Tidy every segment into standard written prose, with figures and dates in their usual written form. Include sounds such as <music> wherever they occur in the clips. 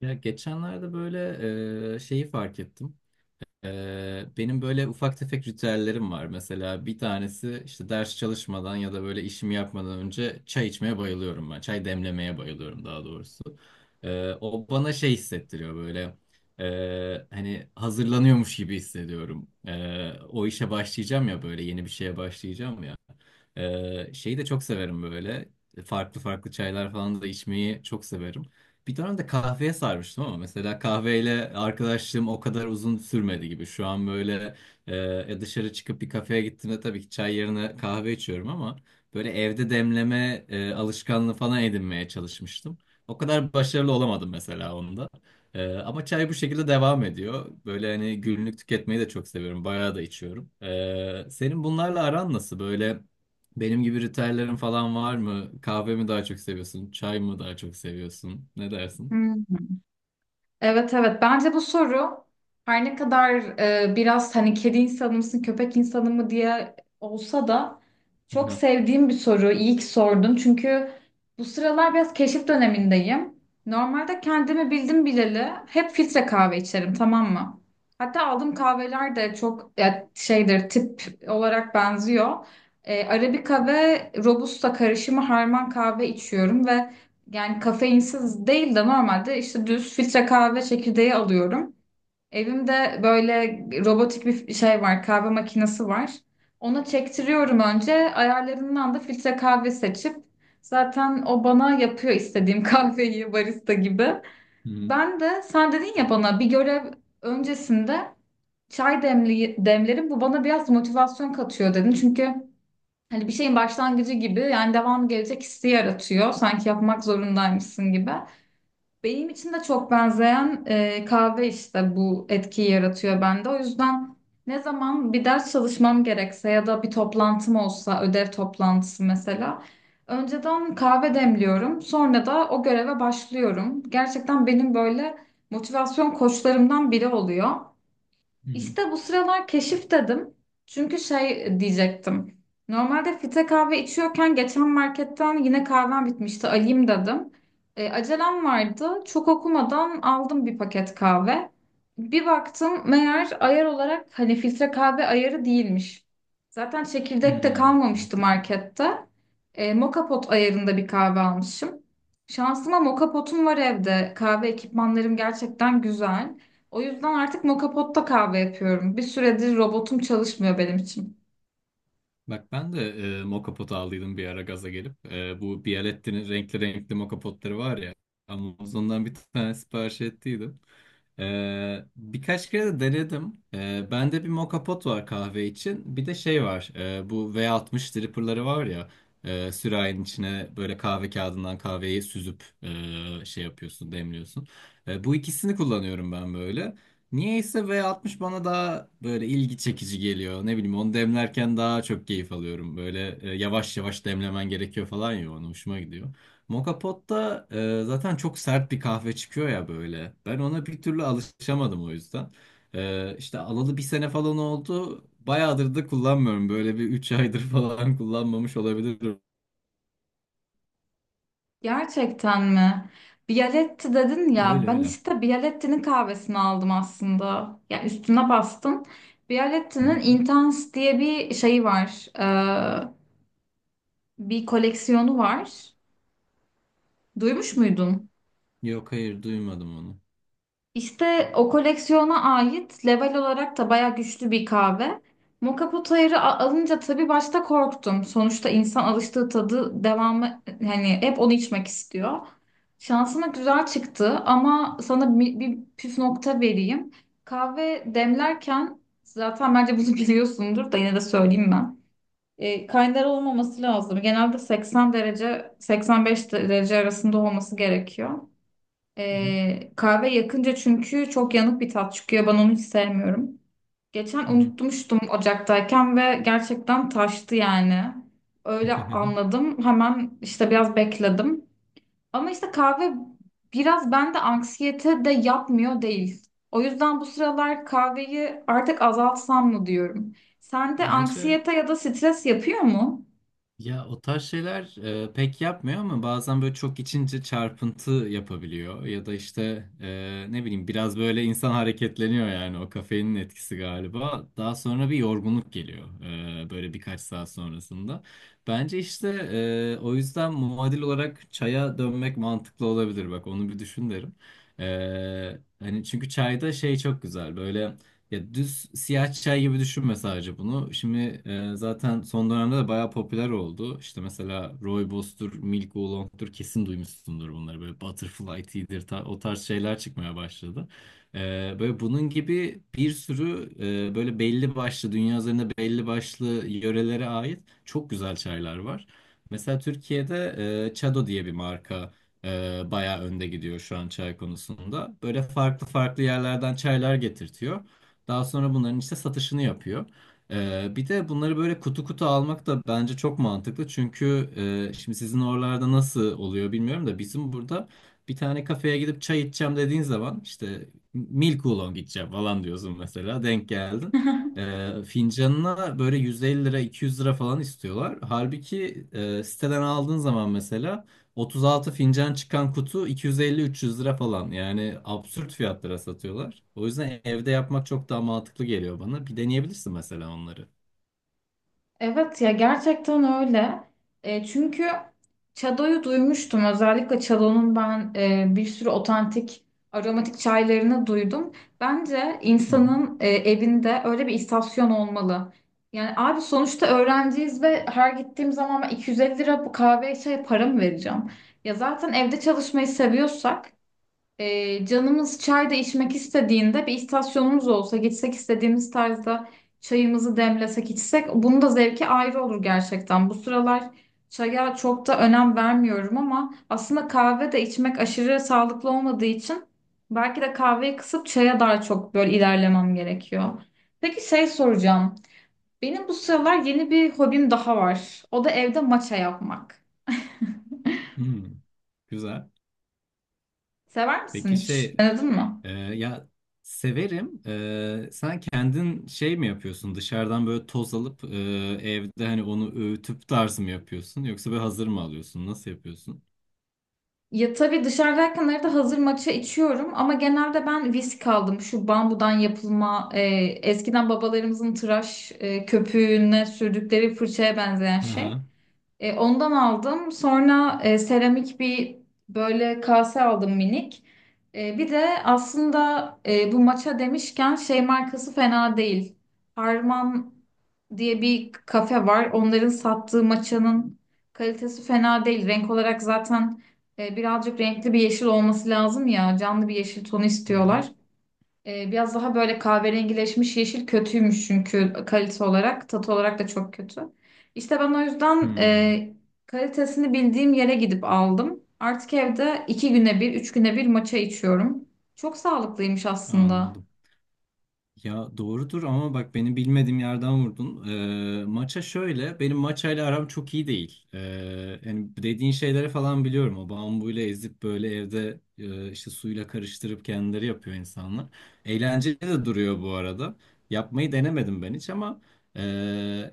Ya geçenlerde böyle şeyi fark ettim. Benim böyle ufak tefek ritüellerim var. Mesela bir tanesi işte ders çalışmadan ya da böyle işimi yapmadan önce çay içmeye bayılıyorum ben. Çay demlemeye bayılıyorum daha doğrusu. O bana şey hissettiriyor böyle. Hani hazırlanıyormuş gibi hissediyorum. O işe başlayacağım ya, böyle yeni bir şeye başlayacağım ya. Şeyi de çok severim böyle. Farklı farklı çaylar falan da içmeyi çok severim. Bir dönem de kahveye sarmıştım ama mesela kahveyle arkadaşlığım o kadar uzun sürmedi gibi. Şu an böyle e, e, dışarı çıkıp bir kafeye gittiğimde tabii ki çay yerine kahve içiyorum ama böyle evde demleme alışkanlığı falan edinmeye çalışmıştım. O kadar başarılı olamadım mesela onda. Ama çay bu şekilde devam ediyor. Böyle hani günlük tüketmeyi de çok seviyorum. Bayağı da içiyorum. Senin bunlarla aran nasıl? Böyle benim gibi ritüellerin falan var mı? Kahve mi daha çok seviyorsun? Çay mı daha çok seviyorsun? Ne dersin? Hmm, evet evet bence bu soru her ne kadar biraz hani kedi insanı mısın köpek insanı mı diye olsa da çok Aha. sevdiğim bir soru. İyi ki sordun, çünkü bu sıralar biraz keşif dönemindeyim. Normalde kendimi bildim bileli hep filtre kahve içerim, tamam mı? Hatta aldığım kahveler de çok ya, şeydir tip olarak benziyor. Arabika ve Robusta karışımı harman kahve içiyorum ve yani kafeinsiz değil de normalde işte düz filtre kahve çekirdeği alıyorum. Evimde böyle robotik bir şey var, kahve makinesi var. Ona çektiriyorum önce. Ayarlarından da filtre kahve seçip zaten o bana yapıyor istediğim <laughs> kahveyi barista gibi. Hı hı. Ben de sen dedin ya, bana bir görev öncesinde çay demlerim, bu bana biraz motivasyon katıyor dedin. Çünkü hani bir şeyin başlangıcı gibi, yani devam gelecek hissi yaratıyor. Sanki yapmak zorundaymışsın gibi. Benim için de çok benzeyen kahve işte bu etkiyi yaratıyor bende. O yüzden ne zaman bir ders çalışmam gerekse ya da bir toplantım olsa, ödev toplantısı mesela, önceden kahve demliyorum. Sonra da o göreve başlıyorum. Gerçekten benim böyle motivasyon koçlarımdan biri oluyor. İşte bu sıralar keşif dedim. Çünkü şey diyecektim. Normalde filtre kahve içiyorken geçen marketten yine kahvem bitmişti, alayım dedim. Acelem vardı. Çok okumadan aldım bir paket kahve. Bir baktım, meğer ayar olarak hani filtre kahve ayarı değilmiş. Zaten Hı çekirdek de hı. kalmamıştı markette. Moka pot ayarında bir kahve almışım. Şansıma moka potum var evde. Kahve ekipmanlarım gerçekten güzel. O yüzden artık moka potta kahve yapıyorum. Bir süredir robotum çalışmıyor benim için. Bak ben de mokapot aldıydım bir ara gaza gelip. Bu Bialetti'nin renkli renkli mokapotları var ya. Amazon'dan bir tane sipariş ettiydim. Birkaç kere de denedim. Bende bir mokapot var kahve için. Bir de şey var. Bu V60 dripper'ları var ya. Sürahinin içine böyle kahve kağıdından kahveyi süzüp şey yapıyorsun, demliyorsun. Bu ikisini kullanıyorum ben böyle. Niyeyse V60 bana daha böyle ilgi çekici geliyor. Ne bileyim onu demlerken daha çok keyif alıyorum. Böyle yavaş yavaş demlemen gerekiyor falan ya, ona hoşuma gidiyor. Moka Pot'ta zaten çok sert bir kahve çıkıyor ya böyle. Ben ona bir türlü alışamadım o yüzden. İşte alalı bir sene falan oldu. Bayağıdır da kullanmıyorum. Böyle bir 3 aydır <laughs> falan kullanmamış olabilirim. Gerçekten mi? Bialetti dedin ya. Öyle Ben öyle. işte Bialetti'nin kahvesini aldım aslında. Yani üstüne bastın. Hı Bialetti'nin hı. Intense diye bir şeyi var. Bir koleksiyonu var. Duymuş muydun? Yok, hayır, duymadım onu. İşte o koleksiyona ait level olarak da baya güçlü bir kahve. Moka Potayır'ı alınca tabii başta korktum. Sonuçta insan alıştığı tadı, devamı hani hep onu içmek istiyor. Şansıma güzel çıktı, ama sana bir püf nokta vereyim. Kahve demlerken zaten bence bunu <laughs> biliyorsundur da yine de söyleyeyim ben. Kaynar olmaması lazım. Genelde 80 derece 85 derece arasında olması gerekiyor. Hı hı. Kahve yakınca çünkü çok yanık bir tat çıkıyor. Ben onu hiç sevmiyorum. Geçen Hı hı. unutmuştum ocaktayken ve gerçekten taştı yani. Öyle anladım. Hemen işte biraz bekledim. Ama işte kahve biraz bende anksiyete de yapmıyor değil. O yüzden bu sıralar kahveyi artık azaltsam mı diyorum. <laughs> Sende Bence anksiyete ya da stres yapıyor mu? ya, o tarz şeyler pek yapmıyor ama bazen böyle çok içince çarpıntı yapabiliyor. Ya da işte ne bileyim biraz böyle insan hareketleniyor, yani o kafeinin etkisi galiba. Daha sonra bir yorgunluk geliyor böyle birkaç saat sonrasında. Bence işte o yüzden muadil olarak çaya dönmek mantıklı olabilir. Bak onu bir düşün derim. E, Hani çünkü çayda şey çok güzel böyle. Ya düz siyah çay gibi düşünme sadece bunu. Şimdi zaten son dönemde de bayağı popüler oldu. İşte mesela rooibos'tur, milk oolong'tur, kesin duymuşsundur bunları. Böyle butterfly tea'dir, o tarz şeyler çıkmaya başladı. E, Böyle bunun gibi bir sürü böyle belli başlı, dünya üzerinde belli başlı yörelere ait çok güzel çaylar var. Mesela Türkiye'de Çado diye bir marka bayağı önde gidiyor şu an çay konusunda. Böyle farklı farklı yerlerden çaylar getirtiyor. Daha sonra bunların işte satışını yapıyor. Bir de bunları böyle kutu kutu almak da bence çok mantıklı. Çünkü şimdi sizin oralarda nasıl oluyor bilmiyorum da bizim burada bir tane kafeye gidip çay içeceğim dediğin zaman işte milk oolong içeceğim falan diyorsun mesela, denk geldin. <laughs> Fincanına böyle 150 lira 200 lira falan istiyorlar. Halbuki siteden aldığın zaman mesela 36 fincan çıkan kutu 250-300 lira falan. Yani absürt fiyatlara satıyorlar. O yüzden evde yapmak çok daha mantıklı geliyor bana. Bir deneyebilirsin mesela onları. Evet ya, gerçekten öyle. Çünkü Çado'yu duymuştum. Özellikle Çado'nun ben bir sürü otantik aromatik çaylarını duydum. Bence Hı hı. insanın evinde öyle bir istasyon olmalı. Yani abi, sonuçta öğrenciyiz ve her gittiğim zaman ben 250 lira bu kahve çaya para mı vereceğim? Ya zaten evde çalışmayı seviyorsak canımız çay da içmek istediğinde bir istasyonumuz olsa, gitsek istediğimiz tarzda çayımızı demlesek içsek, bunun da zevki ayrı olur gerçekten. Bu sıralar çaya çok da önem vermiyorum, ama aslında kahve de içmek aşırı sağlıklı olmadığı için belki de kahveyi kısıp çaya daha çok böyle ilerlemem gerekiyor. Peki şey soracağım. Benim bu sıralar yeni bir hobim daha var. O da evde maça yapmak. Hmm, güzel. Sever Peki misin hiç? şey Denedin mi? Ya, severim. Sen kendin şey mi yapıyorsun? Dışarıdan böyle toz alıp evde hani onu öğütüp tarz mı yapıyorsun? Yoksa böyle hazır mı alıyorsun? Nasıl yapıyorsun? Ya tabii dışarıdayken arada hazır matcha içiyorum, ama genelde ben visk aldım. Şu bambudan yapılma, eskiden babalarımızın tıraş köpüğüne sürdükleri fırçaya benzeyen şey. Hı. Ondan aldım. Sonra seramik bir böyle kase aldım, minik. Bir de aslında bu maça demişken şey markası fena değil. Harman diye bir kafe var. Onların sattığı maçanın kalitesi fena değil. Renk olarak zaten birazcık renkli bir yeşil olması lazım ya. Canlı bir yeşil tonu Hı hı. istiyorlar. Biraz daha böyle kahverengileşmiş yeşil kötüymüş, çünkü kalite olarak, tat olarak da çok kötü. İşte ben o yüzden Hmm, kalitesini bildiğim yere gidip aldım. Artık evde iki güne bir, üç güne bir matcha içiyorum. Çok sağlıklıymış aslında. anladım. Ya doğrudur ama bak beni bilmediğim yerden vurdun. Maça şöyle, benim maçayla aram çok iyi değil. Yani dediğin şeyleri falan biliyorum. O bambuyla ezip böyle evde işte suyla karıştırıp kendileri yapıyor insanlar. Eğlenceli de duruyor bu arada. Yapmayı denemedim ben hiç ama e,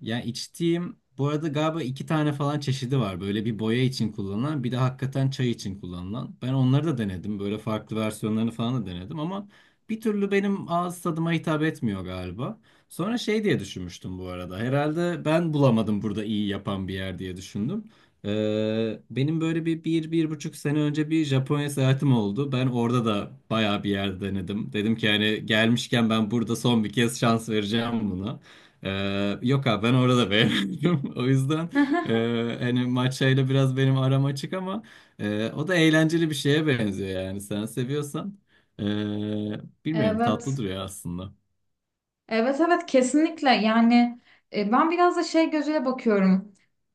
yani içtiğim bu arada galiba iki tane falan çeşidi var. Böyle bir boya için kullanılan, bir de hakikaten çay için kullanılan. Ben onları da denedim. Böyle farklı versiyonlarını falan da denedim ama bir türlü benim ağız tadıma hitap etmiyor galiba. Sonra şey diye düşünmüştüm bu arada. Herhalde ben bulamadım burada iyi yapan bir yer diye düşündüm. Benim böyle bir buçuk sene önce bir Japonya seyahatim oldu. Ben orada da bayağı bir yer denedim. Dedim ki hani gelmişken ben burada son bir kez şans vereceğim buna. Yok abi, ben orada beğenmedim. <laughs> O yüzden <laughs> hani matchayla biraz benim aram açık ama o da eğlenceli bir şeye benziyor yani, sen seviyorsan. E, Bilmiyorum, tatlı Evet. duruyor aslında. Evet evet, kesinlikle. Yani ben biraz da şey gözüyle bakıyorum.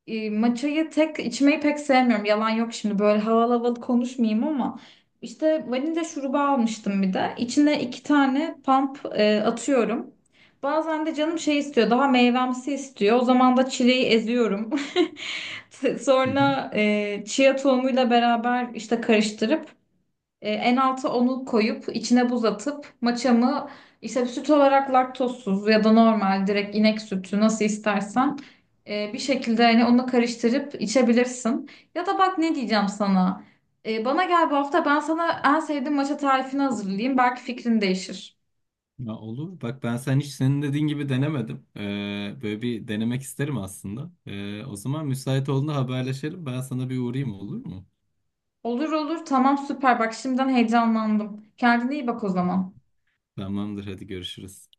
Maçayı tek içmeyi pek sevmiyorum. Yalan yok, şimdi böyle havalı havalı konuşmayayım ama işte vanilya şurubu almıştım bir de. İçine iki tane pump atıyorum. Bazen de canım şey istiyor, daha meyvemsi istiyor. O zaman da çileği eziyorum. <laughs> Hı hı. Sonra chia tohumuyla beraber işte karıştırıp en alta onu koyup içine buz atıp maçamı işte süt olarak laktozsuz ya da normal direkt inek sütü nasıl istersen bir şekilde hani onu karıştırıp içebilirsin. Ya da bak ne diyeceğim sana. Bana gel bu hafta, ben sana en sevdiğim maça tarifini hazırlayayım. Belki fikrin değişir. Ya olur. Bak ben sen hiç senin dediğin gibi denemedim. Böyle bir denemek isterim aslında. O zaman müsait olduğunda haberleşelim. Ben sana bir uğrayayım, olur mu? Olur olur, tamam, süper, bak şimdiden heyecanlandım. Kendine iyi bak o zaman. Tamamdır, hadi görüşürüz.